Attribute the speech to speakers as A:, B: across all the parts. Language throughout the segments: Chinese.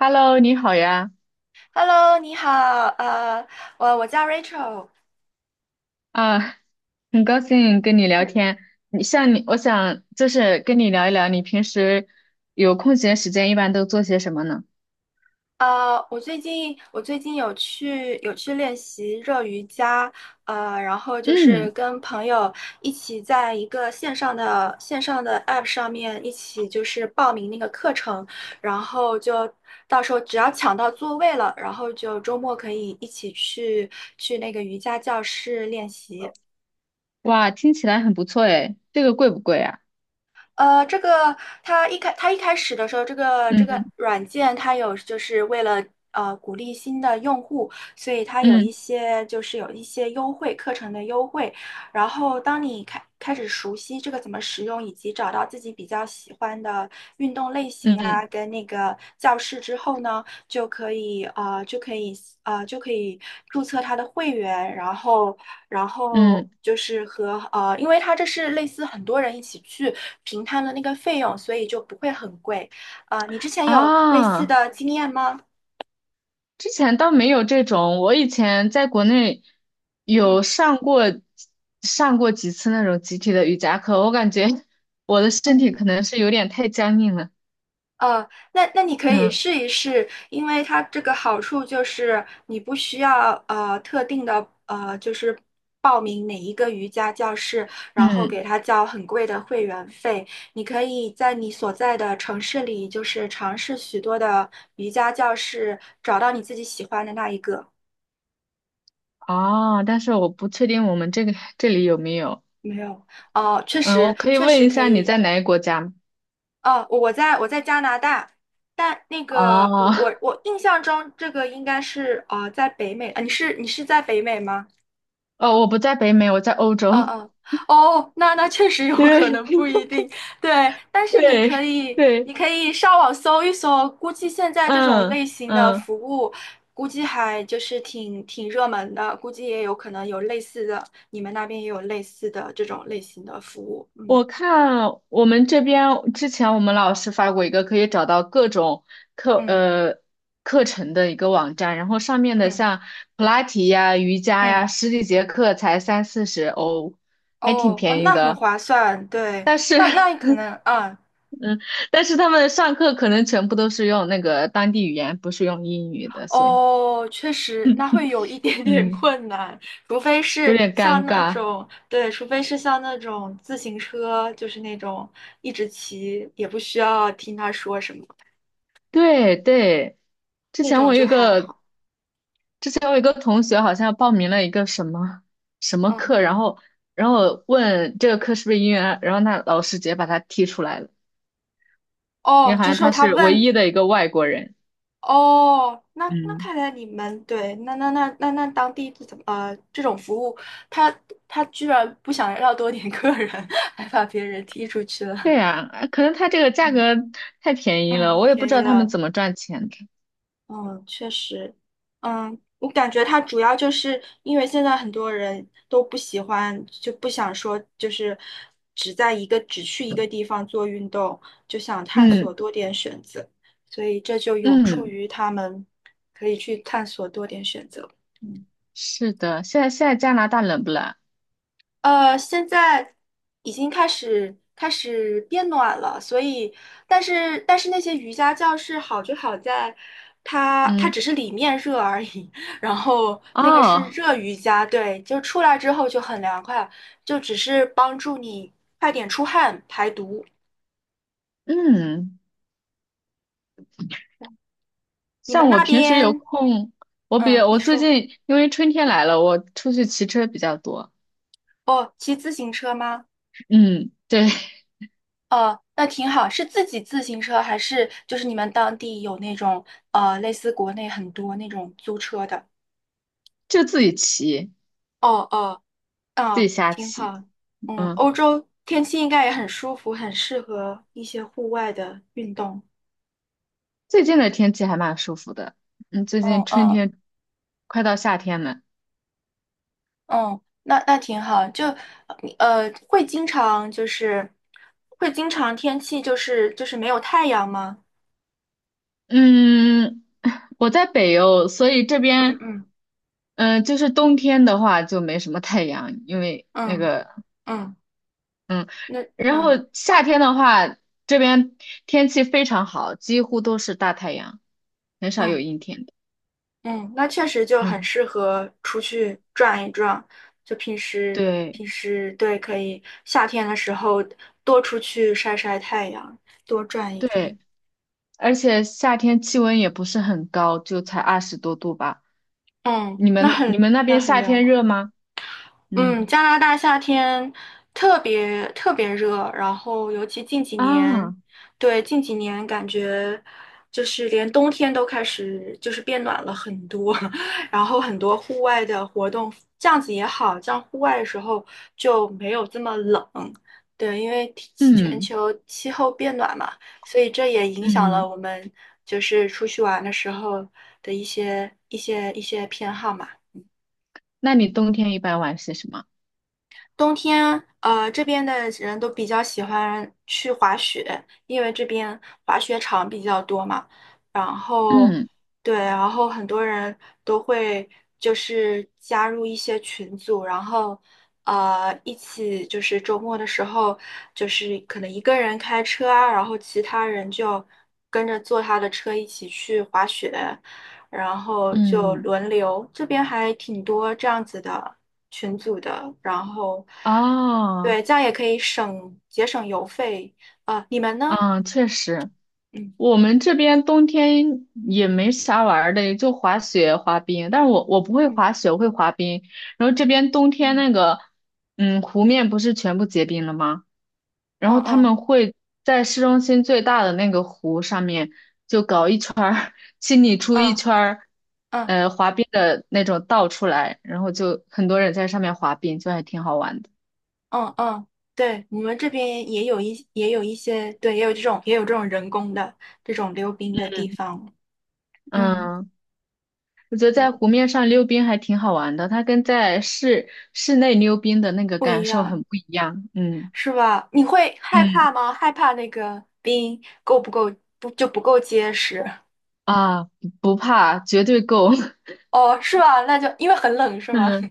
A: Hello，你好呀，
B: Hello，你好，呃，我叫 Rachel。
A: 啊，很高兴跟你聊
B: 那
A: 天。你像你，我想就是跟你聊一聊，你平时有空闲时间一般都做些什么呢？
B: 我最近有去练习热瑜伽。然后就是
A: 嗯，
B: 跟朋友一起在一个线上的 App 上面一起就是报名那个课程，然后就到时候只要抢到座位了，然后就周末可以一起去那个瑜伽教室练习。
A: 哇，听起来很不错诶，这个贵不贵啊？
B: 这个它一开始的时候，这个
A: 嗯
B: 软件它有就是为了鼓励新的用户，所以它有一
A: 嗯
B: 些就是有一些优惠课程的优惠。然后当你开始熟悉这个怎么使用，以及找到自己比较喜欢的运动类型
A: 嗯
B: 啊，跟那个教室之后呢，就可以啊、呃就可以就可以注册他的会员，然后
A: 嗯。
B: 就是因为他这是类似很多人一起去平摊的那个费用，所以就不会很贵。啊，你之前有类似
A: 啊，
B: 的经验吗？
A: 之前倒没有这种，我以前在国内
B: 嗯。
A: 有上过几次那种集体的瑜伽课，我感觉 我的身
B: 嗯
A: 体可能是有点太僵硬了。
B: 呃，那你可以
A: 嗯
B: 试一试，因为它这个好处就是你不需要特定的就是报名哪一个瑜伽教室，然后
A: 嗯。
B: 给他交很贵的会员费。你可以在你所在的城市里，就是尝试许多的瑜伽教室，找到你自己喜欢的那一个。
A: 哦，但是我不确定我们这里有没有。
B: 没有。哦，确
A: 嗯，
B: 实
A: 我可以
B: 确
A: 问
B: 实
A: 一
B: 可
A: 下你
B: 以。
A: 在哪个国家吗？
B: 哦，我在加拿大。但那个我
A: 哦，
B: 我我印象中这个应该是在北美啊。你是在北美吗？
A: 哦，我不在北美，我在欧
B: 嗯
A: 洲。
B: 嗯，哦，那确实 有可
A: 对
B: 能 不一定。对，但是你可
A: 对，
B: 以你
A: 对，
B: 可以上网搜一搜。估计现在这种
A: 嗯
B: 类型的
A: 嗯，
B: 服务，估计还就是挺挺热门的，估计也有可能有类似的，你们那边也有类似的这种类型的服务。嗯
A: 我看我们这边之前我们老师发过一个可以找到各种课
B: 嗯
A: 呃课程的一个网站，然后上面的
B: 嗯
A: 像普拉提呀、瑜伽
B: 嗯。
A: 呀，十几节课才三四十欧，还挺
B: 哦哦，
A: 便宜
B: 那很
A: 的。
B: 划算。对，那
A: 是。
B: 那可能，嗯，
A: 但是他们上课可能全部都是用那个当地语言，不是用英语的，所以
B: 哦，确实，那会有一点点
A: 嗯，
B: 困难。除非
A: 有
B: 是
A: 点
B: 像
A: 尴
B: 那
A: 尬。
B: 种，对，除非是像那种自行车，就是那种一直骑，也不需要听他说什么，
A: 对对，之
B: 那
A: 前
B: 种
A: 我
B: 就
A: 有一
B: 还
A: 个
B: 好。
A: 之前我有一个同学好像报名了一个什么什么
B: 嗯，
A: 课，然后问这个课是不是英语啊然后那老师直接把他踢出来了，因为
B: 哦，
A: 好
B: 就
A: 像
B: 说
A: 他
B: 他
A: 是唯
B: 问。
A: 一的一个外国人。
B: 哦，那
A: 嗯，
B: 看来你们对。那当地怎么，这种服务，他他居然不想要多点 客人，还把别人踢出去了。
A: 对呀，啊可能他这个价
B: 嗯
A: 格太便宜了，
B: 嗯，
A: 我也不
B: 便
A: 知
B: 宜
A: 道他们
B: 了。
A: 怎么赚钱的。
B: 嗯，确实。嗯，我感觉它主要就是因为现在很多人都不喜欢，就不想说就是只去一个地方做运动，就想探索
A: 嗯
B: 多点选择，所以这就有助
A: 嗯。
B: 于他们可以去探索多点选择。嗯
A: 是的，现在加拿大冷不冷啊？
B: 现在已经开始变暖了，所以，但是那些瑜伽教室好就好在，它
A: 嗯，
B: 只是里面热而已。然后那个是
A: 哦，
B: 热瑜伽，对，就出来之后就很凉快，就只是帮助你快点出汗排毒。
A: 嗯，
B: 你们
A: 像我
B: 那
A: 平时有
B: 边，
A: 空，我比
B: 嗯，
A: 我
B: 你
A: 最
B: 说，
A: 近因为春天来了，我出去骑车比较多。
B: 哦，骑自行车吗？
A: 嗯，对，
B: 哦，那挺好，是自己自行车还是就是你们当地有那种类似国内很多那种租车的？
A: 就自己骑，
B: 哦哦
A: 自己
B: 哦，
A: 瞎
B: 挺
A: 骑。
B: 好。嗯，
A: 嗯，
B: 欧洲天气应该也很舒服，很适合一些户外的运动。
A: 最近的天气还蛮舒服的。嗯，最近
B: 嗯
A: 春
B: 嗯
A: 天快到夏天了。
B: 嗯，那挺好。就呃，会经常就是会经常天气就是没有太阳吗？
A: 嗯，我在北欧，所以这
B: 嗯
A: 边，
B: 嗯
A: 嗯、就是冬天的话就没什么太阳，因为那
B: 嗯
A: 个
B: 嗯，
A: 嗯，
B: 那
A: 然后
B: 嗯
A: 夏天的话，这边天气非常好，几乎都是大太阳，很少有
B: 嗯。
A: 阴天的。
B: 嗯，那确实就很
A: 嗯，
B: 适合出去转一转。就平时
A: 对
B: 平时对，可以夏天的时候多出去晒晒太阳，多转一
A: 对，
B: 转。
A: 而且夏天气温也不是很高，就才二十多度吧。
B: 嗯，
A: 你
B: 那
A: 们你
B: 很
A: 们那
B: 那
A: 边
B: 很
A: 夏
B: 凉
A: 天热
B: 快。
A: 吗？
B: 嗯，
A: 嗯
B: 加拿大夏天特别特别热，然后尤其近几年。
A: 啊，
B: 对，近几年感觉就是连冬天都开始就是变暖了很多。然后很多户外的活动，这样子也好，这样户外的时候就没有这么冷，对，因为天气全
A: 嗯
B: 球气候变暖嘛，所以这也影响了
A: 嗯，
B: 我们就是出去玩的时候的一些偏好嘛。
A: 那你冬天一般玩些什么？
B: 冬天，这边的人都比较喜欢去滑雪，因为这边滑雪场比较多嘛。然后，
A: 嗯
B: 对，然后很多人都会就是加入一些群组，然后一起就是周末的时候，就是可能一个人开车啊，然后其他人就跟着坐他的车一起去滑雪，然后就
A: 嗯，
B: 轮流，这边还挺多这样子的群组的，然后
A: 哦，
B: 对，这样也可以节省邮费。啊。你们呢？
A: 嗯，确实。
B: 嗯
A: 我们这边冬天也没啥玩儿的，也就滑雪、滑冰。但是我不会
B: 嗯
A: 滑雪，我会滑冰。然后这边冬天
B: 嗯
A: 湖面不是全部结冰了吗？然
B: 嗯
A: 后他
B: 嗯
A: 们会在市中心最大的那个湖上面就搞一圈儿，清理出一
B: 嗯
A: 圈儿，
B: 嗯
A: 滑冰的那种道出来，然后就很多人在上面滑冰，就还挺好玩的。
B: 嗯嗯，对，我们这边也有一些，对，也有这种人工的这种溜冰的地方。嗯，
A: 嗯。我觉得在
B: 对，
A: 湖面上溜冰还挺好玩的，它跟在室内溜冰的那个
B: 不一
A: 感受很
B: 样
A: 不一样。嗯
B: 是吧？你会害
A: 嗯
B: 怕吗？害怕那个冰够不够，不就不够结实？
A: 啊，不怕，绝对够。
B: 哦，是吧？那就因为很冷，是吗？
A: 嗯，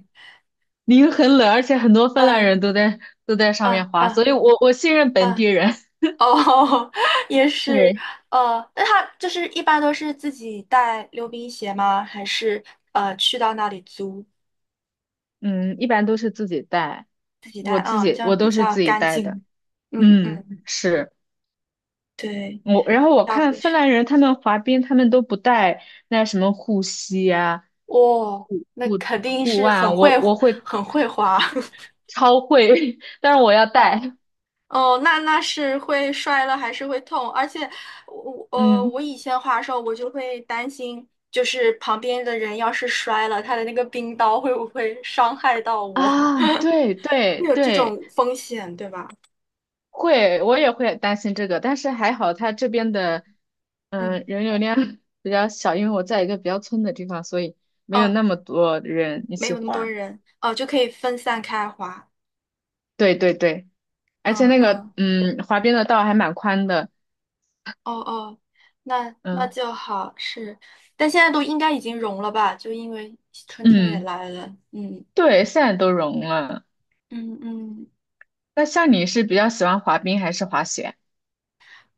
A: 因为很冷，而且很多芬兰
B: 嗯
A: 人都在上面
B: 啊
A: 滑，所
B: 啊
A: 以我信任本地
B: 啊！
A: 人。
B: 哦，也是。
A: 对，
B: 那他就是一般都是自己带溜冰鞋吗？还是去到那里租，
A: 嗯，一般都是自己带，
B: 自己
A: 我
B: 带？
A: 自
B: 嗯，
A: 己
B: 这样
A: 我
B: 比
A: 都是
B: 较
A: 自己
B: 干
A: 带的。
B: 净。嗯
A: 嗯，
B: 嗯，
A: 是。
B: 对，
A: 然后我
B: 要
A: 看
B: 不
A: 芬
B: 是，
A: 兰人他们滑冰，他们都不带那什么护膝呀、
B: 哇，
A: 护
B: 那
A: 护
B: 肯定
A: 护
B: 是
A: 腕
B: 很
A: 啊，我
B: 会
A: 我会
B: 很会滑。
A: 超会，但是我要带，
B: 哦，那是会摔了还是会痛，而且我呃
A: 嗯
B: 我以前滑的时候我就会担心，就是旁边的人要是摔了，他的那个冰刀会不会伤害到我，
A: 啊，对对
B: 会有这
A: 对，
B: 种风险，对吧？
A: 会，我也会担心这个，但是还好他这边的
B: 嗯，
A: 人流量 比较小，因为我在一个比较村的地方，所以没有
B: 哦，
A: 那么多人一
B: 没
A: 起
B: 有那么多
A: 滑，
B: 人，哦，就可以分散开滑。
A: 对对对，而且
B: 嗯嗯，
A: 滑冰的道还蛮宽的，
B: 哦哦，那
A: 嗯
B: 就好，是，但现在都应该已经融了吧，就因为春天也
A: 嗯。
B: 来了。嗯
A: 对，现在都融了。
B: 嗯嗯。
A: 那像你是比较喜欢滑冰还是滑雪？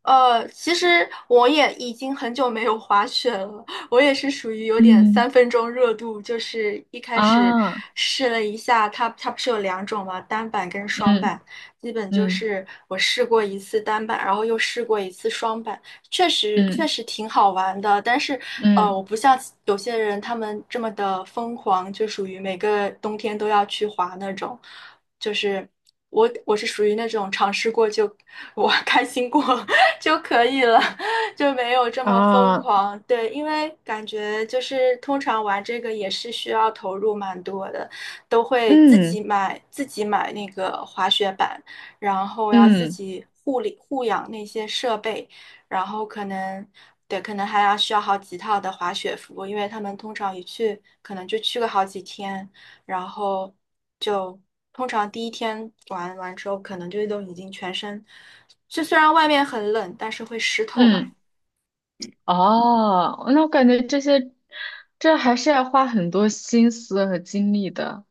B: 其实我也已经很久没有滑雪了，我也是属于有点
A: 嗯
B: 三分钟热度，就是一开始
A: 啊，
B: 试了一下，它不是有两种嘛，单板跟双
A: 嗯
B: 板。基本就
A: 嗯
B: 是我试过一次单板，然后又试过一次双板，确实确
A: 嗯
B: 实挺好玩的，但是
A: 嗯
B: 我不像有些人他们这么的疯狂，就属于每个冬天都要去滑那种。就是我是属于那种尝试过就我 开心过 就可以了，就没有这么疯
A: 啊，
B: 狂。对，因为感觉就是通常玩这个也是需要投入蛮多的，都会自
A: 嗯
B: 己买自己买那个滑雪板。然后要自
A: 嗯
B: 己护理护养那些设备，然后可能对，可能还要需要好几套的滑雪服，因为他们通常一去可能就去个好几天，然后就通常第一天玩完之后，可能就都已经全身，就虽然外面很冷，但是会湿透吧。
A: 嗯哦，那我感觉这些，这还是要花很多心思和精力的。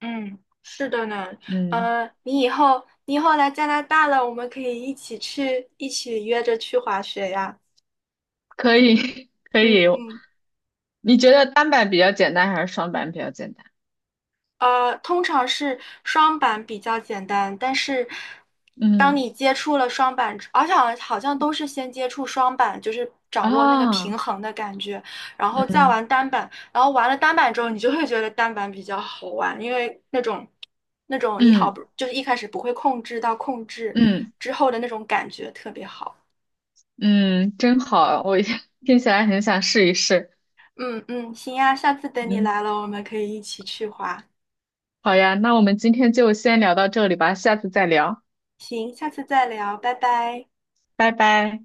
B: 嗯，是的呢。
A: 嗯，
B: 你以后来加拿大了，我们可以一起去，一起约着去滑雪呀。
A: 可以 可
B: 嗯
A: 以。
B: 嗯。
A: 你觉得单板比较简单还是双板比较简单？
B: 通常是双板比较简单，但是当
A: 嗯
B: 你接触了双板而且好像好像都是先接触双板，就是掌握那个
A: 啊，
B: 平衡的感觉，然后再
A: 嗯
B: 玩单板，然后玩了单板之后，你就会觉得单板比较好玩，因为那种你好
A: 嗯
B: 不就是一开始不会控制到控制
A: 嗯
B: 之后的那种感觉特别好。
A: 嗯，真好，我 听起来很想试一试。
B: 嗯嗯，行呀，下次等你
A: 嗯，
B: 来了，我们可以一起去滑。
A: 好呀，那我们今天就先聊到这里吧，下次再聊，
B: 行，下次再聊，拜拜。
A: 拜拜。